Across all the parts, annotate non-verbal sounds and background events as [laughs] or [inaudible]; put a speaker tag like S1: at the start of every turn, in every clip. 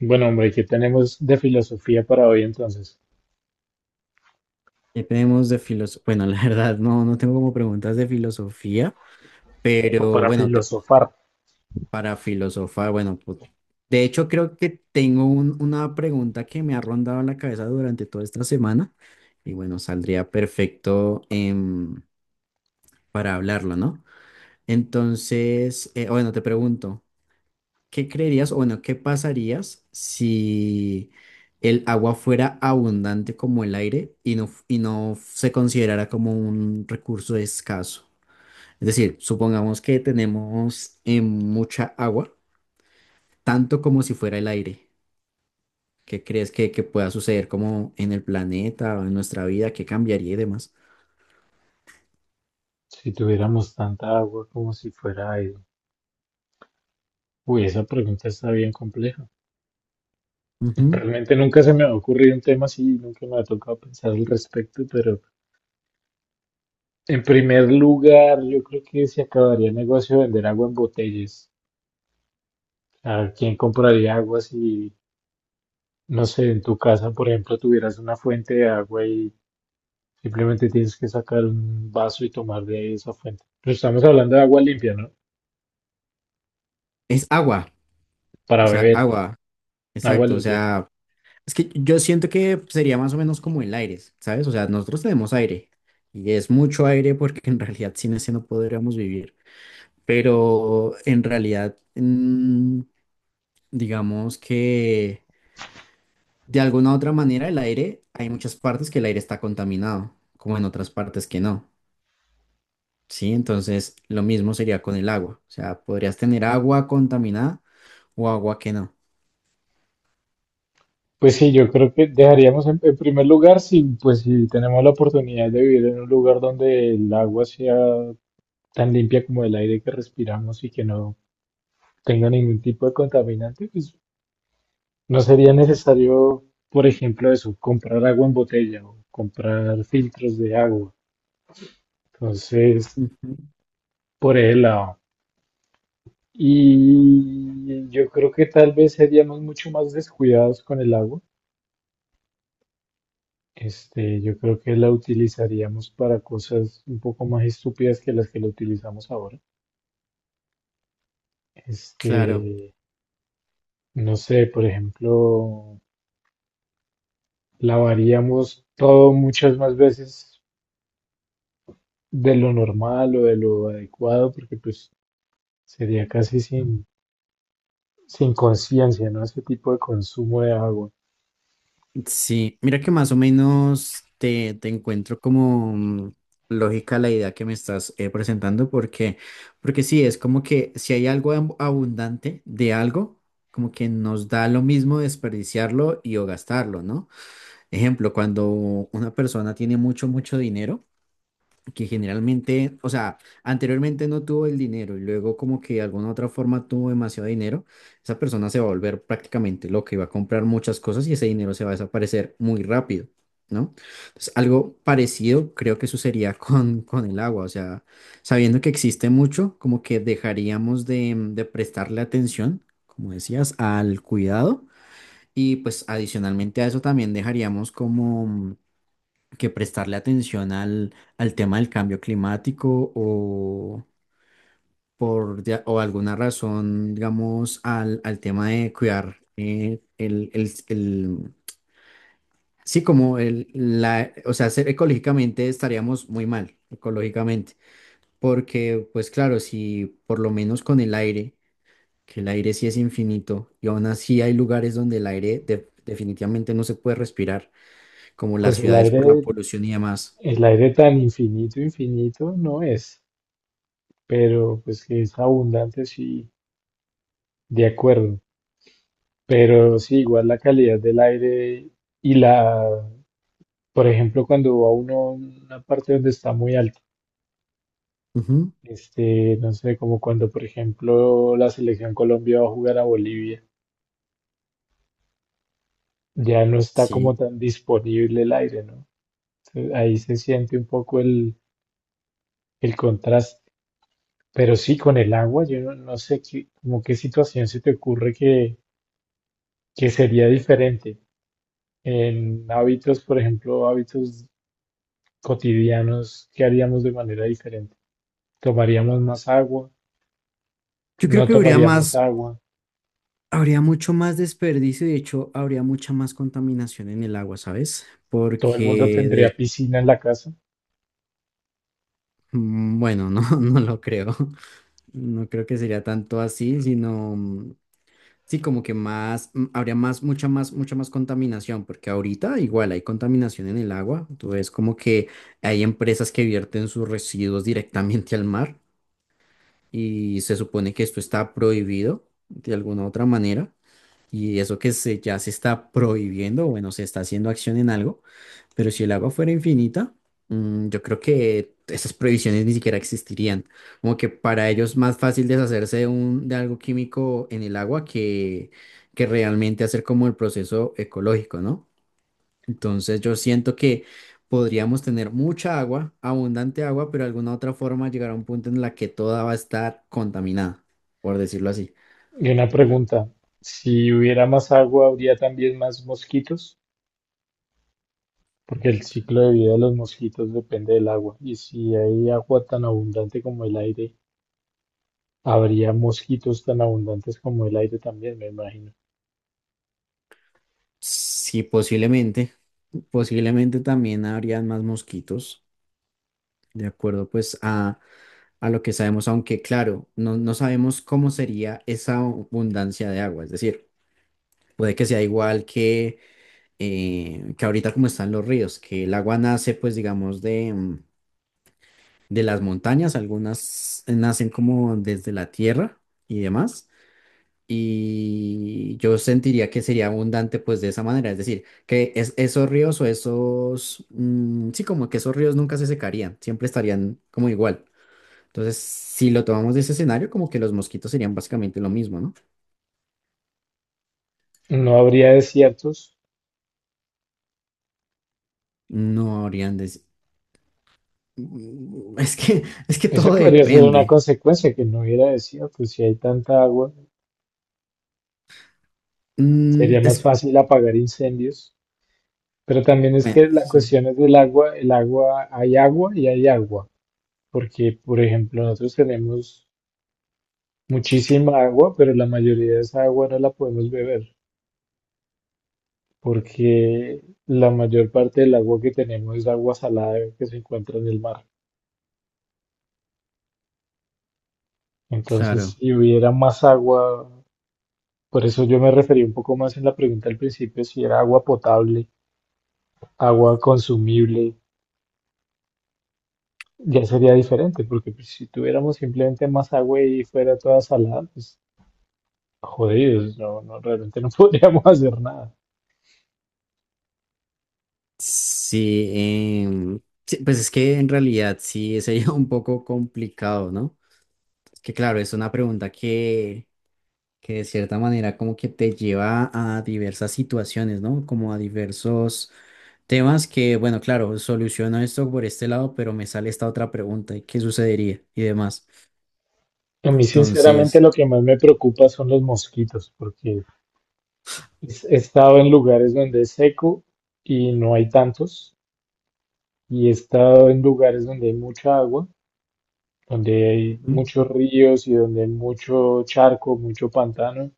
S1: Bueno, hombre, ¿qué tenemos de filosofía para hoy entonces?
S2: ¿Qué tenemos de filosofía? Bueno, [laughs] la verdad, no, no tengo como preguntas de filosofía,
S1: O
S2: pero
S1: para
S2: bueno, te, puedo-
S1: filosofar.
S2: para filosofar, bueno, pues, de hecho creo que tengo una pregunta que me ha rondado la cabeza durante toda esta semana y bueno, saldría perfecto para hablarlo, ¿no? Entonces, bueno, te pregunto, ¿qué creerías, o bueno, qué pasarías si el agua fuera abundante como el aire y no, y no se considerara como un recurso escaso? Es decir, supongamos que tenemos mucha agua, tanto como si fuera el aire. ¿Qué crees que pueda suceder como en el planeta o en nuestra vida? ¿Qué cambiaría y demás?
S1: Si tuviéramos tanta agua como si fuera aire. Uy, esa pregunta está bien compleja. [laughs]
S2: Ujú.
S1: Realmente nunca se me ha ocurrido un tema así, nunca me ha tocado pensar al respecto, pero en primer lugar, yo creo que se acabaría el negocio de vender agua en botellas. ¿A quién compraría agua si, no sé, en tu casa, por ejemplo, tuvieras una fuente de agua y simplemente tienes que sacar un vaso y tomar de esa fuente? Pero estamos hablando de agua limpia, ¿no?
S2: Es agua, o
S1: Para
S2: sea,
S1: beber
S2: agua,
S1: agua
S2: exacto, o
S1: limpia.
S2: sea... Es que yo siento que sería más o menos como el aire, ¿sabes? O sea, nosotros tenemos aire y es mucho aire porque en realidad sin ese no podríamos vivir. Pero en realidad, digamos que de alguna u otra manera el aire, hay muchas partes que el aire está contaminado, como en otras partes que no, ¿sí? Entonces, lo mismo sería con el agua. O sea, podrías tener agua contaminada o agua que no.
S1: Pues sí, yo creo que dejaríamos en primer lugar si, pues, si tenemos la oportunidad de vivir en un lugar donde el agua sea tan limpia como el aire que respiramos y que no tenga ningún tipo de contaminante, pues no sería necesario, por ejemplo, eso, comprar agua en botella o comprar filtros de agua. Entonces,
S2: Ujú.
S1: por el lado. Y yo creo que tal vez seríamos mucho más descuidados con el agua. Este, yo creo que la utilizaríamos para cosas un poco más estúpidas que las que la utilizamos ahora. Este,
S2: Claro.
S1: no sé, por ejemplo, lavaríamos todo muchas más veces de lo normal o de lo adecuado, porque pues sería casi sin conciencia, ¿no? Ese tipo de consumo de agua.
S2: Sí, mira que más o menos te, te encuentro como lógica la idea que me estás presentando, porque, porque sí, es como que si hay algo abundante de algo, como que nos da lo mismo desperdiciarlo y o gastarlo, ¿no? Ejemplo, cuando una persona tiene mucho, mucho dinero que generalmente, o sea, anteriormente no tuvo el dinero y luego como que de alguna otra forma tuvo demasiado dinero, esa persona se va a volver prácticamente loca y va a comprar muchas cosas y ese dinero se va a desaparecer muy rápido, ¿no? Entonces, algo parecido creo que sucedería [laughs] con el agua, o sea, sabiendo que existe mucho, como que dejaríamos de, de prestarle atención, como decías, al cuidado y pues adicionalmente a eso también dejaríamos como que prestarle atención al, al tema del cambio climático o o alguna razón, digamos, al, al tema de cuidar sí, como el, la, o sea, ser ecológicamente estaríamos muy mal, ecológicamente, porque pues claro, si por lo menos con el aire, que el aire sí es infinito y aún así hay lugares donde el aire definitivamente no se puede respirar, como las
S1: Pues
S2: ciudades por la polución y demás.
S1: el aire tan infinito, infinito no es, pero pues que es abundante, sí, de acuerdo. Pero sí, igual la calidad del aire y la, por ejemplo, cuando va uno a una parte donde está muy alto,
S2: Ujú.
S1: este, no sé, como cuando, por ejemplo, la selección Colombia va a jugar a Bolivia, ya no está
S2: Sí.
S1: como tan disponible el aire, ¿no? Entonces, ahí se siente un poco el contraste. Pero sí, con el agua, yo no, no sé qué, como qué situación se te ocurre que sería diferente. En hábitos, por ejemplo, hábitos cotidianos, ¿qué haríamos de manera diferente? Tomaríamos más agua,
S2: Yo creo
S1: no
S2: que habría
S1: tomaríamos
S2: más,
S1: agua,
S2: habría mucho más desperdicio y de hecho habría mucha más contaminación en el agua, ¿sabes?
S1: todo el mundo
S2: Porque
S1: tendría
S2: de,
S1: piscina en la casa.
S2: mm, bueno, no, [laughs] no lo creo. No creo que sería tanto así, sino sí como que más, mm, habría más, mucha más, mucha más contaminación, porque ahorita igual hay contaminación en el agua. Entonces como que hay empresas que vierten sus residuos directamente al mar y se supone que esto está prohibido de alguna otra manera. Y eso que se, ya se está prohibiendo, bueno, se está haciendo acción en algo, pero si el agua fuera infinita, yo creo que esas prohibiciones ni siquiera existirían. Como que para ellos es más fácil deshacerse de, un, de algo químico en el agua que realmente hacer como el proceso ecológico, ¿no? Entonces yo siento que podríamos tener mucha agua, abundante agua, pero de alguna otra forma llegar a un punto en la que toda va a estar contaminada, por decirlo así.
S1: Y una pregunta, si hubiera más agua, ¿habría también más mosquitos? Porque el ciclo de vida de los mosquitos depende del agua. Y si hay agua tan abundante como el aire, habría mosquitos tan abundantes como el aire también, me imagino.
S2: Sí, posiblemente, posiblemente también habrían más mosquitos, de acuerdo pues a lo que sabemos, aunque claro, no, no sabemos cómo sería esa abundancia de agua, es decir, puede que sea igual que ahorita como están los ríos, que el agua nace pues digamos de, de las montañas, algunas nacen como desde la tierra y demás. Y yo sentiría que sería abundante pues de esa manera, es decir, que esos ríos o esos, mm, sí, como que esos ríos nunca se secarían, siempre estarían como igual. Entonces, si lo tomamos de ese escenario, como que los mosquitos serían básicamente lo mismo, ¿no?
S1: No habría desiertos.
S2: No habrían de... Mm, [laughs] es que, es que
S1: Esa
S2: todo
S1: podría ser una
S2: depende.
S1: consecuencia, que no hubiera desiertos. Si hay tanta agua,
S2: Mm,
S1: sería más
S2: es...
S1: fácil apagar incendios. Pero también es
S2: Bueno,
S1: que la
S2: sí,
S1: cuestión es del agua, el agua, hay agua y hay agua, porque por ejemplo nosotros tenemos muchísima agua, pero la mayoría de esa agua no la podemos beber, porque la mayor parte del agua que tenemos es agua salada que se encuentra en el mar. Entonces,
S2: claro.
S1: si hubiera más agua, por eso yo me referí un poco más en la pregunta al principio, si era agua potable, agua consumible, ya sería diferente, porque pues, si tuviéramos simplemente más agua y fuera toda salada, pues jodidos, no, no, realmente no [laughs] podríamos hacer nada.
S2: Sí, em, sí, pues es que en realidad sí sería [laughs] un poco complicado, ¿no? Que claro, es una pregunta que de cierta manera como que te lleva a diversas situaciones, ¿no? Como a diversos temas que, bueno, claro, soluciono esto por este lado, pero me sale esta otra pregunta, ¿y qué sucedería? Y demás.
S1: A mí, sinceramente,
S2: Entonces,
S1: lo que más me preocupa son los mosquitos, porque he estado en lugares donde es seco y no hay tantos, y he estado en lugares donde hay mucha agua, donde hay
S2: ujú,
S1: muchos ríos y donde hay mucho charco, mucho pantano,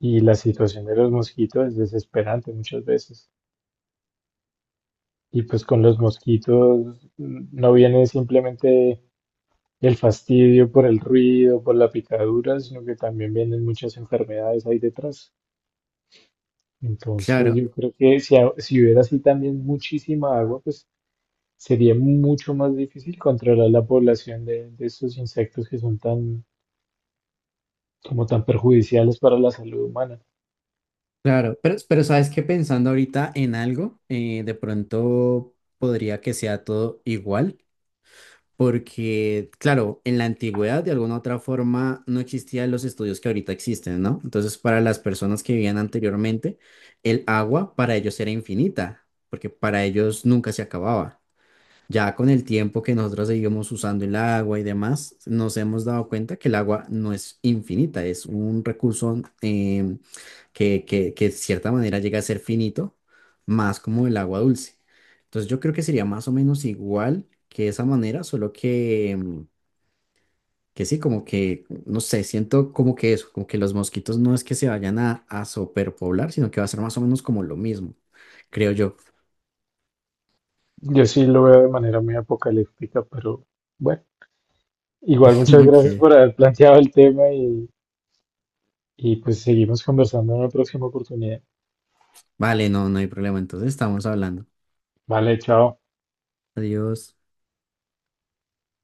S1: y la situación de los mosquitos es desesperante muchas veces. Y pues con los mosquitos no vienen simplemente el fastidio por el ruido, por la picadura, sino que también vienen muchas enfermedades ahí detrás. Entonces,
S2: claro,
S1: yo creo que si, si hubiera así también muchísima agua, pues sería mucho más difícil controlar la población de estos insectos que son tan, como tan perjudiciales para la salud humana.
S2: claro, pero sabes que pensando ahorita en algo, de pronto podría que sea todo igual. Porque, claro, en la antigüedad de alguna otra forma no existían los estudios que ahorita existen, ¿no? Entonces, para las personas que vivían anteriormente, el agua para ellos era infinita, porque para ellos nunca se acababa. Ya con el tiempo que nosotros seguimos usando el agua y demás, nos hemos dado cuenta que el agua no es infinita, es un recurso que de cierta manera llega a ser finito, más como el agua dulce. Entonces yo creo que sería más o menos igual que esa manera, solo que, que sí, como que, no sé, siento como que eso, como que los mosquitos no es que se vayan a superpoblar, sino que va a ser más o menos como lo mismo, creo yo.
S1: Yo sí lo veo de manera muy apocalíptica, pero bueno, igual
S2: [laughs]
S1: muchas gracias
S2: Ok,
S1: por haber planteado el tema y pues seguimos conversando en la próxima oportunidad.
S2: vale, no, no hay problema, entonces estamos hablando.
S1: Vale, chao.
S2: Adiós.